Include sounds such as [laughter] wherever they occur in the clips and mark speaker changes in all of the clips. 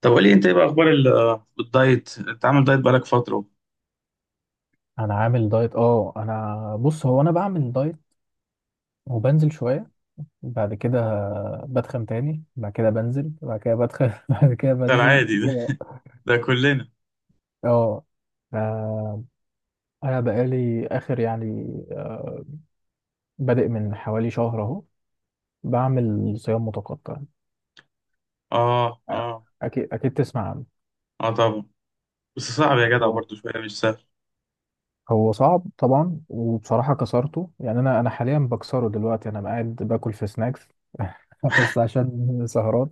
Speaker 1: طب قولي انت، ايه بقى اخبار الدايت؟ انت عامل دايت بقالك فتره.
Speaker 2: انا عامل دايت اه انا بص هو انا بعمل دايت وبنزل شويه بعد كده، بتخن تاني بعد كده، بنزل بعد كده بتخن [laughs] بعد كده
Speaker 1: ده
Speaker 2: بنزل
Speaker 1: العادي ده.
Speaker 2: كده.
Speaker 1: [laughs] ده كلنا.
Speaker 2: اه آه، انا بقالي اخر بادئ من حوالي شهر اهو بعمل صيام متقطع.
Speaker 1: اه،
Speaker 2: آه،
Speaker 1: اه،
Speaker 2: اكيد اكيد تسمع عنه.
Speaker 1: اه طبعا. بس صعب يا جدع،
Speaker 2: اه،
Speaker 1: برضو شويه مش سهل.
Speaker 2: هو صعب طبعا، وبصراحه كسرته، يعني انا حاليا بكسره، دلوقتي انا قاعد باكل في سناكس [laughs] بس عشان سهرات.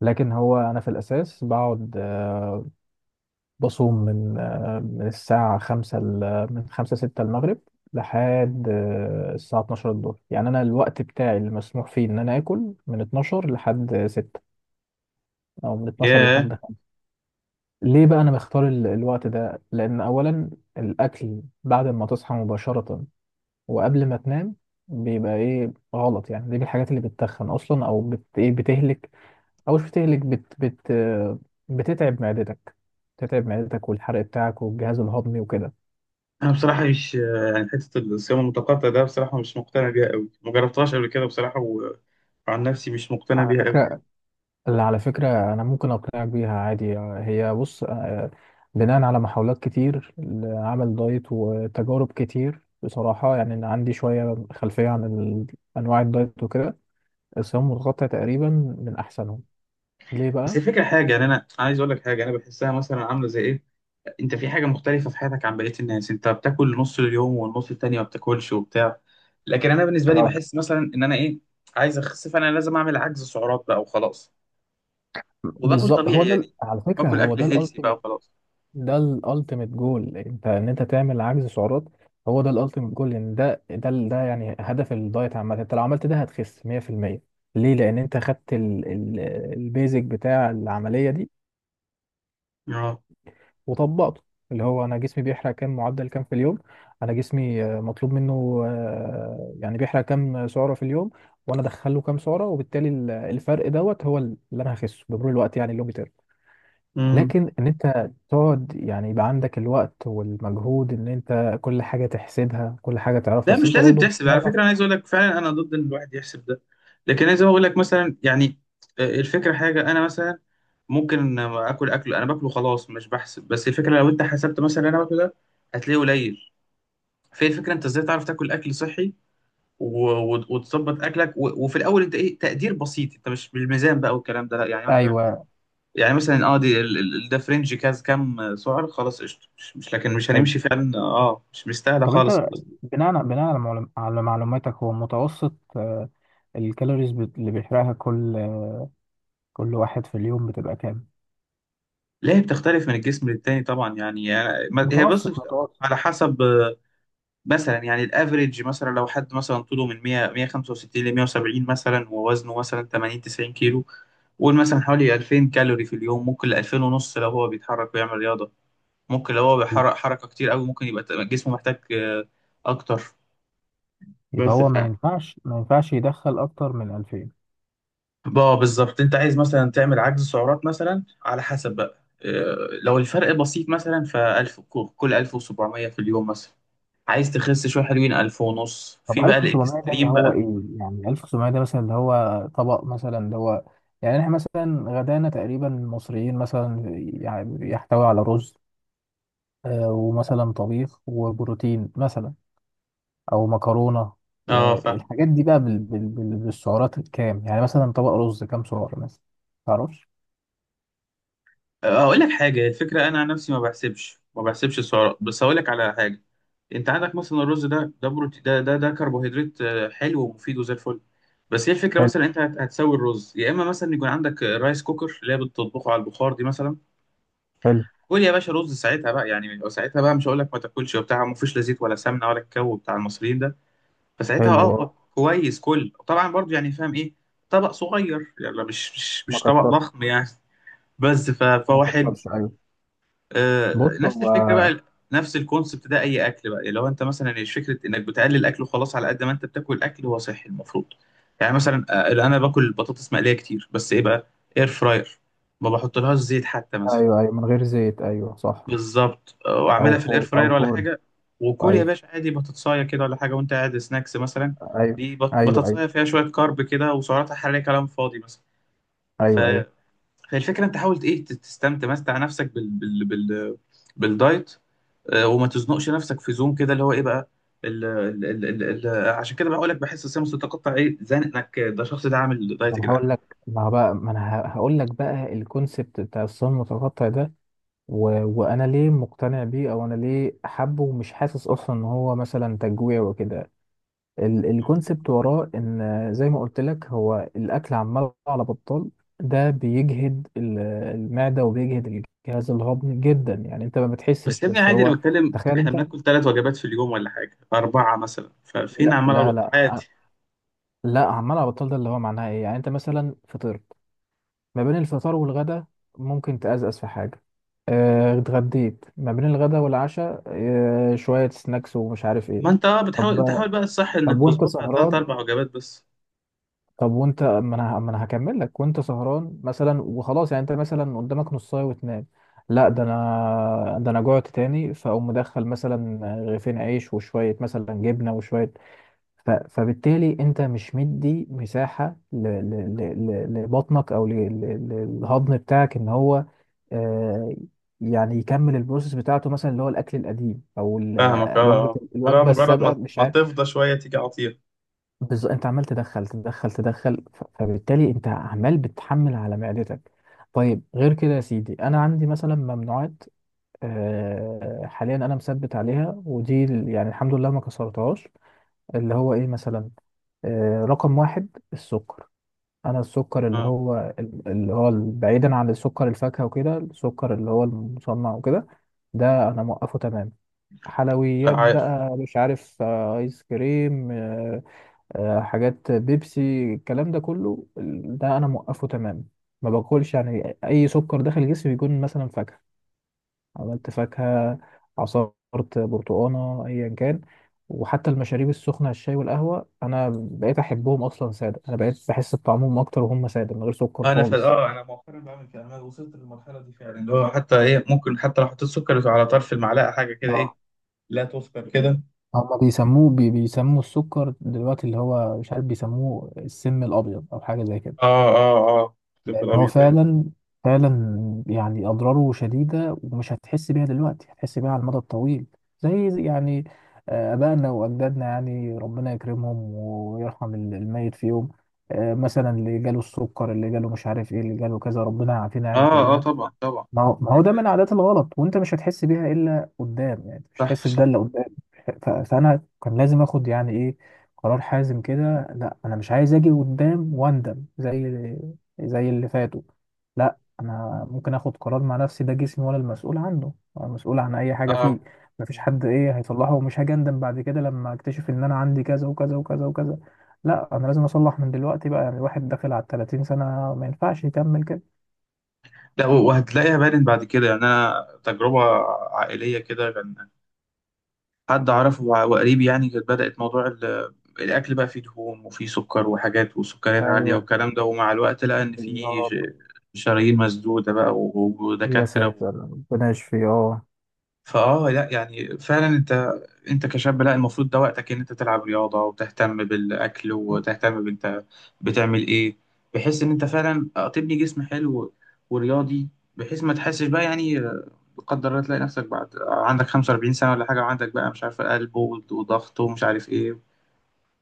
Speaker 2: لكن هو انا في الاساس بقعد، بصوم من من الساعة خمسة من خمسة ستة المغرب لحد الساعة 12 الظهر. يعني أنا الوقت بتاعي اللي مسموح فيه إن أنا آكل من 12 لحد ستة، أو من 12
Speaker 1: ياه.
Speaker 2: لحد خمسة. ليه بقى أنا بختار الوقت ده؟ لأن أولا، الأكل بعد ما تصحى مباشرة وقبل ما تنام بيبقى إيه غلط، يعني دي من الحاجات اللي بتتخن أصلا، أو بت إيه بتهلك، أو مش بتهلك، بت بت آه، بتتعب معدتك. بتتعب معدتك والحرق بتاعك والجهاز الهضمي وكده.
Speaker 1: انا بصراحه مش يعني حته، الصيام المتقطع ده بصراحه مش مقتنع بيها قوي، ما جربتهاش قبل كده بصراحه. وعن نفسي مش مقتنع
Speaker 2: على
Speaker 1: بيها قوي.
Speaker 2: فكرة، أنا ممكن أقنعك بيها عادي. هي بص، بناء على محاولات كتير لعمل دايت وتجارب كتير بصراحة، يعني أنا عندي شوية خلفية عن أنواع الدايت وكده. الصيام المتقطع تقريبا من أحسنهم. ليه
Speaker 1: بس
Speaker 2: بقى؟
Speaker 1: الفكره حاجه يعني، انا عايز اقول لك حاجه انا بحسها مثلا، عامله زي ايه؟ انت في حاجه مختلفه في حياتك عن بقيه الناس. انت بتاكل نص اليوم والنص التاني ما بتاكلش وبتاع. لكن انا بالنسبه لي
Speaker 2: اه،
Speaker 1: بحس مثلا ان انا ايه، عايز اخس، فانا لازم اعمل عجز سعرات بقى وخلاص. وباكل
Speaker 2: بالظبط، هو
Speaker 1: طبيعي
Speaker 2: ده
Speaker 1: يعني، باكل اكل
Speaker 2: ال
Speaker 1: هيلثي بقى
Speaker 2: ultimate.
Speaker 1: وخلاص.
Speaker 2: ده الالتيميت جول، انت ان انت تعمل عجز سعرات. هو ده الالتيميت جول، لان ده ده ده يعني هدف الدايت عامه، انت لو عملت ده هتخس 100%. ليه؟ لان انت خدت البيزك بتاع العمليه دي
Speaker 1: اه،
Speaker 2: وطبقته. اللي هو انا جسمي بيحرق كام، معدل كام في اليوم. انا جسمي، مطلوب منه يعني بيحرق كام سعره في اليوم، وانا ادخله كام سعره، وبالتالي الفرق دوت هو اللي انا هخسه بمرور الوقت. يعني اللي هو، لكن ان انت تقعد يعني، يبقى عندك الوقت والمجهود ان انت كل حاجه تحسبها، كل حاجه تعرفها،
Speaker 1: لا مش
Speaker 2: اصل انت
Speaker 1: لازم
Speaker 2: برضو مش
Speaker 1: تحسب على فكره،
Speaker 2: هتعرف.
Speaker 1: انا عايز اقول لك فعلا انا ضد ان الواحد يحسب ده. لكن عايز اقول لك مثلا يعني، الفكره حاجه انا مثلا ممكن اكل اكل انا باكله خلاص، مش بحسب. بس الفكره لو انت حسبت مثلا اللي انا باكله ده، هتلاقيه قليل. فهي الفكره انت ازاي تعرف تاكل اكل صحي، وتظبط اكلك، وفي الاول انت ايه، تقدير بسيط، انت مش بالميزان بقى والكلام ده، لا يعني مثلا.
Speaker 2: ايوه،
Speaker 1: يعني مثلا، اه دي ده فرنج كاز، كام سعر؟ خلاص قشطه، مش لكن مش
Speaker 2: حلو.
Speaker 1: هنمشي فعلا، اه مش مستاهله
Speaker 2: طب
Speaker 1: خالص.
Speaker 2: انت، على معلوماتك، هو متوسط الكالوريز اللي بيحرقها كل واحد في اليوم بتبقى كام؟
Speaker 1: لا هي بتختلف من الجسم للتاني طبعا يعني هي بص.
Speaker 2: متوسط، متوسط.
Speaker 1: على حسب مثلا، يعني الافريج مثلا، لو حد مثلا طوله من 100 165 ل 170 مثلا، ووزنه مثلا 80 90 كيلو. قول مثلا حوالي 2000 كالوري في اليوم، ممكن ل 2000 ونص لو هو بيتحرك ويعمل رياضه. ممكن لو هو بيحرق حركه كتير قوي، ممكن يبقى جسمه محتاج اكتر.
Speaker 2: يبقى
Speaker 1: بس
Speaker 2: هو
Speaker 1: ف
Speaker 2: ما ينفعش، ما ينفعش يدخل اكتر من 2000.
Speaker 1: اه بالظبط، انت عايز مثلا تعمل عجز سعرات مثلا على حسب بقى، لو الفرق بسيط مثلا، ف 1000 كل 1700 في اليوم مثلا. عايز تخس شويه حلوين، 1000 ونص
Speaker 2: طب
Speaker 1: في بقى
Speaker 2: 1700 ده اللي
Speaker 1: الاكستريم
Speaker 2: هو
Speaker 1: بقى.
Speaker 2: ايه؟ يعني 1700 ده مثلا اللي هو طبق مثلا اللي هو، يعني احنا مثلا غدانا تقريبا المصريين مثلا، يعني يحتوي على رز، ومثلا طبيخ وبروتين مثلا، او مكرونة،
Speaker 1: اه فاهم.
Speaker 2: والحاجات دي بقى بالسعرات الكام، يعني مثلا طبق رز كام سعر مثلا؟ متعرفش.
Speaker 1: اقول لك حاجه، الفكره انا عن نفسي ما بحسبش، السعرات. بس هقول لك على حاجه. انت عندك مثلا الرز ده، بروتين، ده كربوهيدرات، حلو ومفيد وزي الفل. بس هي الفكره
Speaker 2: حلو،
Speaker 1: مثلا انت هتسوي الرز، يا اما مثلا يكون عندك رايس كوكر اللي هي بتطبخه على البخار دي مثلا.
Speaker 2: حلو،
Speaker 1: قول يا باشا رز ساعتها بقى، يعني ساعتها بقى مش هقول لك ما تاكلش وبتاع. ما فيش لا زيت ولا سمنه ولا الكو بتاع المصريين ده. فساعتها، اه
Speaker 2: حلو. اه.
Speaker 1: هو كويس، كل طبعا برضو يعني فاهم ايه. طبق صغير يعني، لا مش مش
Speaker 2: ما
Speaker 1: مش طبق
Speaker 2: كترش.
Speaker 1: ضخم يعني.
Speaker 2: ما
Speaker 1: فهو حلو.
Speaker 2: كترش، ايوه.
Speaker 1: آه
Speaker 2: بص
Speaker 1: نفس
Speaker 2: هو،
Speaker 1: الفكره بقى، نفس الكونسبت ده. اي اكل بقى لو انت مثلا، مش فكره انك بتقلل اكل وخلاص، على قد ما انت بتاكل اكل هو صحي المفروض. يعني مثلا انا باكل بطاطس مقليه كتير، بس ايه بقى؟ اير فراير. ما بحطلهاش زيت حتى مثلا.
Speaker 2: ايوه ايوه، من غير زيت، ايوه صح.
Speaker 1: بالظبط. واعملها في الاير
Speaker 2: او
Speaker 1: فراير ولا
Speaker 2: فرن.
Speaker 1: حاجه. وكل يا
Speaker 2: ايوه
Speaker 1: باشا عادي بطاطسايه كده ولا حاجه، وانت قاعد سناكس مثلا.
Speaker 2: ايوه.
Speaker 1: دي
Speaker 2: ايوه ايوه.
Speaker 1: بطاطسايه فيها شويه كارب كده، وسعراتها الحراريه كلام فاضي مثلا. ف...
Speaker 2: ايوه ايوه.
Speaker 1: فالفكره انت حاول ايه، تت- تستمتع مستع نفسك بالدايت. وما تزنقش نفسك في زوم كده، اللي هو ايه بقى. عشان كده بقول لك بحس السمس تتقطع ايه، زنق انك ده الشخص ده عامل دايت يا جدعان.
Speaker 2: ما انا هقول لك بقى الكونسبت بتاع الصين المتقطع ده، و... وانا ليه مقتنع بيه، او انا ليه حابه ومش حاسس اصلا ان هو مثلا تجويع وكده.
Speaker 1: مم.
Speaker 2: الكونسبت وراه ان، زي ما قلت لك، هو الاكل عمال على بطال. ده بيجهد المعده، وبيجهد الجهاز الهضمي جدا، يعني انت ما
Speaker 1: بس
Speaker 2: بتحسش
Speaker 1: يا ابني
Speaker 2: بس
Speaker 1: عادي، انا
Speaker 2: هو.
Speaker 1: بتكلم
Speaker 2: تخيل
Speaker 1: احنا
Speaker 2: انت.
Speaker 1: بناكل ثلاث وجبات في اليوم ولا حاجه اربعه مثلا، ففين
Speaker 2: لا
Speaker 1: عمال على
Speaker 2: لا
Speaker 1: الوقت
Speaker 2: لا،
Speaker 1: عادي؟
Speaker 2: لا، عمال على بطال ده اللي هو معناه ايه؟ يعني انت مثلا فطرت، ما بين الفطار والغدا ممكن تأزأز في حاجة، اتغديت، ما بين الغدا والعشاء شوية سناكس ومش عارف ايه.
Speaker 1: ما انت اه بتحاول،
Speaker 2: طب،
Speaker 1: انت حاول بقى الصح
Speaker 2: طب
Speaker 1: انك
Speaker 2: وانت
Speaker 1: تظبطها تلات
Speaker 2: سهران،
Speaker 1: اربع وجبات بس.
Speaker 2: طب وانت ما انا ما انا هكمل لك، وانت سهران مثلا، وخلاص، يعني انت مثلا قدامك نصاية وتنام، لا، ده انا جوعت تاني، فاقوم مدخل مثلا رغيفين عيش وشوية مثلا جبنة وشوية. فبالتالي انت مش مدي مساحة لبطنك، او للهضم بتاعك، ان هو آه، يعني يكمل البروسيس بتاعته مثلا، اللي هو الاكل القديم او
Speaker 1: فاهمك اه
Speaker 2: ال- وجبة
Speaker 1: آه. لا
Speaker 2: الوجبة
Speaker 1: مجرد
Speaker 2: السابقة
Speaker 1: ما
Speaker 2: مش
Speaker 1: ما
Speaker 2: عارف.
Speaker 1: تفضى شويه تيجي عطير.
Speaker 2: انت عمال تدخل تدخل تدخل، فبالتالي انت عمال بتحمل على معدتك. طيب، غير كده يا سيدي، انا عندي مثلا ممنوعات حاليا انا مثبت عليها، ودي يعني الحمد لله ما كسرتهاش. اللي هو ايه مثلا؟ رقم واحد السكر. انا السكر اللي
Speaker 1: اه،
Speaker 2: هو، اللي هو بعيدا عن السكر الفاكهه وكده، السكر اللي هو المصنع وكده، ده انا موقفه تمام.
Speaker 1: لا
Speaker 2: حلويات
Speaker 1: عارف.
Speaker 2: بقى، مش عارف، ايس كريم، حاجات بيبسي، الكلام ده كله، ده انا موقفه تمام. ما باكلش، يعني اي سكر داخل جسمي بيكون مثلا فاكهه، عملت فاكهة، عصرت برتقانة، أيا كان. وحتى المشاريب السخنة الشاي والقهوة، أنا بقيت أحبهم أصلا سادة، أنا بقيت بحس بطعمهم أكتر وهم سادة من غير سكر
Speaker 1: انا ف...
Speaker 2: خالص.
Speaker 1: اه انا مؤخرا بعمل كده، انا وصلت للمرحله دي فعلا، اللي هو حتى ايه، ممكن حتى لو حطيت سكر على طرف المعلقه حاجه كده،
Speaker 2: اه،
Speaker 1: ايه. لا تذكر كده.
Speaker 2: هما بيسموه بي بيسموا السكر دلوقتي اللي هو، مش عارف، بيسموه السم الأبيض أو حاجة زي كده.
Speaker 1: اه، اه، اه الطب
Speaker 2: لان هو
Speaker 1: الابيض يعني.
Speaker 2: فعلا، فعلا يعني اضراره شديده، ومش هتحس بيها دلوقتي، هتحس بيها على المدى الطويل. يعني ابائنا واجدادنا، يعني ربنا يكرمهم ويرحم الميت فيهم، مثلا اللي جاله السكر، اللي جاله مش عارف ايه، اللي جاله كذا، ربنا يعافينا يعني
Speaker 1: اه، اه
Speaker 2: كلنا.
Speaker 1: طبعا طبعا.
Speaker 2: ما هو ما
Speaker 1: إيه
Speaker 2: هو ده من
Speaker 1: فعلا؟
Speaker 2: عادات الغلط، وانت مش هتحس بيها الا قدام، يعني مش
Speaker 1: صح
Speaker 2: هتحس بده
Speaker 1: صح.
Speaker 2: الا قدام. فانا كان لازم اخد، يعني ايه، قرار حازم كده. لا انا مش عايز اجي قدام واندم زي اللي فاتوا. لا، انا ممكن اخد قرار مع نفسي، ده جسمي وانا المسؤول عنه، انا مسؤول عن اي حاجه
Speaker 1: اه،
Speaker 2: فيه. مفيش حد ايه هيصلحه، ومش هاجي اندم بعد كده لما اكتشف ان انا عندي كذا وكذا وكذا وكذا. لا، انا لازم اصلح من دلوقتي بقى، يعني الواحد داخل على 30 سنه ما ينفعش يكمل كده.
Speaker 1: لا، وهتلاقيها بارد بعد كده يعني، انا تجربه عائليه كده كان. حد اعرفه وقريب يعني، كانت بدأت موضوع الاكل بقى فيه دهون وفيه سكر وحاجات وسكريات عالية
Speaker 2: ايوه،
Speaker 1: والكلام ده، ومع الوقت لقى ان فيه
Speaker 2: بالظبط.
Speaker 1: شرايين مسدودة بقى
Speaker 2: يا
Speaker 1: ودكاترة
Speaker 2: ساتر، ربنا يشفيه. اه،
Speaker 1: لا يعني فعلا انت كشاب، لا المفروض ده وقتك ان انت تلعب رياضة وتهتم بالاكل وتهتم بانت بتعمل ايه. بحيث ان انت فعلا تبني جسم حلو ورياضي، بحيث ما تحسش بقى يعني. قدر الله تلاقي نفسك بعد عندك 45 سنة ولا حاجة، وعندك بقى مش عارف قلب وضغط ومش عارف ايه.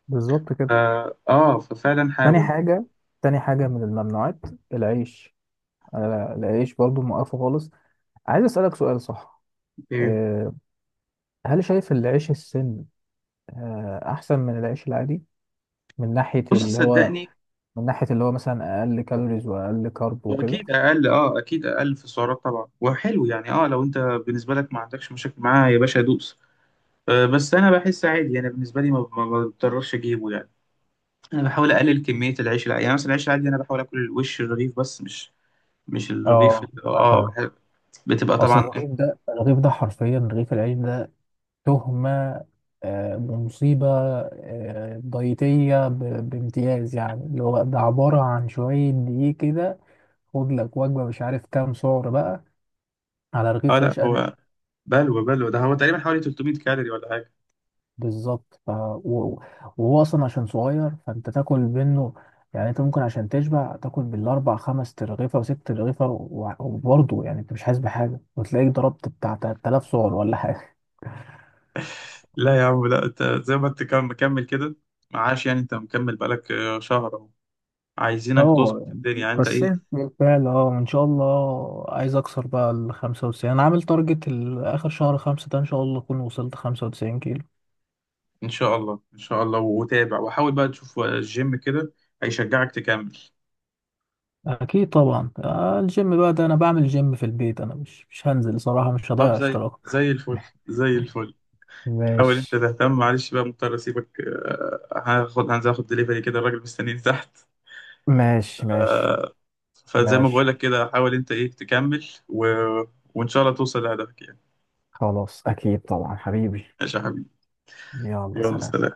Speaker 2: بالظبط كده.
Speaker 1: ففعلا
Speaker 2: تاني
Speaker 1: حاول
Speaker 2: حاجة، تاني حاجة من الممنوعات، العيش. العيش برضو موقفه خالص. عايز أسألك سؤال، صح
Speaker 1: ايه.
Speaker 2: آه، هل شايف العيش السن أحسن من العيش العادي، من ناحية
Speaker 1: بصي،
Speaker 2: اللي هو،
Speaker 1: صدقني.
Speaker 2: من ناحية اللي هو مثلا أقل كالوريز وأقل كارب وكده؟
Speaker 1: واكيد اقل. اه اكيد اقل في السعرات طبعا، وحلو يعني، اه لو انت بالنسبة لك ما عندكش مشاكل معاه يا باشا دوس. آه بس انا بحس عادي، انا بالنسبة لي ما بضطرش اجيبه يعني. انا بحاول اقلل كمية العيش العادي، يعني مثلا العيش العادي انا بحاول اكل الوش الرغيف، بس مش الرغيف
Speaker 2: اه، مثلا.
Speaker 1: بتبقى
Speaker 2: اصل
Speaker 1: طبعا إيه.
Speaker 2: الرغيف ده، الرغيف ده حرفيا رغيف العيش ده تهمة، بمصيبة ضيتية بامتياز، يعني اللي هو ده عبارة عن شوية دقيق كده. خد لك وجبة مش عارف كام سعر بقى على
Speaker 1: اه
Speaker 2: رغيف
Speaker 1: لا
Speaker 2: عيش قد.
Speaker 1: هو، بلوى بلوى ده، هو تقريبا حوالي 300 كالوري ولا حاجة.
Speaker 2: بالظبط. وهو أصلا عشان صغير فأنت تاكل منه، يعني أنت ممكن عشان تشبع تاكل بالأربع خمس ترغيفة وست ترغيفة، وبرضه يعني أنت مش حاسس بحاجة وتلاقيك ضربت بتاع 3000 سعر ولا حاجة.
Speaker 1: [laughs] لا يا عم، لا انت زي ما انت مكمل كده. معاش يعني، انت مكمل بقالك شهر اهو. عايزينك
Speaker 2: اه،
Speaker 1: تظبط الدنيا يعني انت ايه.
Speaker 2: كسرت بالفعل، اه ان شاء الله عايز اكسر بقى ال 95. انا عامل تارجت اخر شهر خمسة ده ان شاء الله اكون وصلت 95 كيلو.
Speaker 1: ان شاء الله، ان شاء الله. وتابع وحاول بقى، تشوف الجيم كده هيشجعك تكمل.
Speaker 2: اكيد طبعا. الجيم بقى ده انا بعمل جيم في البيت، انا مش هنزل صراحة، مش
Speaker 1: طب،
Speaker 2: هضيع
Speaker 1: زي
Speaker 2: اشتراك
Speaker 1: زي الفل،
Speaker 2: [laughs]
Speaker 1: زي الفل. حاول انت
Speaker 2: ماشي،
Speaker 1: تهتم. معلش بقى مضطر اسيبك، هاخد هنزل اخد دليفري كده، الراجل مستنيني تحت.
Speaker 2: ماشي. ماشي،
Speaker 1: فزي ما
Speaker 2: ماشي.
Speaker 1: بقولك كده، حاول انت ايه تكمل، وان شاء الله توصل لهدفك يعني.
Speaker 2: خلاص، أكيد طبعا حبيبي.
Speaker 1: ماشي يا حبيبي.
Speaker 2: يلا
Speaker 1: يلا
Speaker 2: سلام.
Speaker 1: سلام.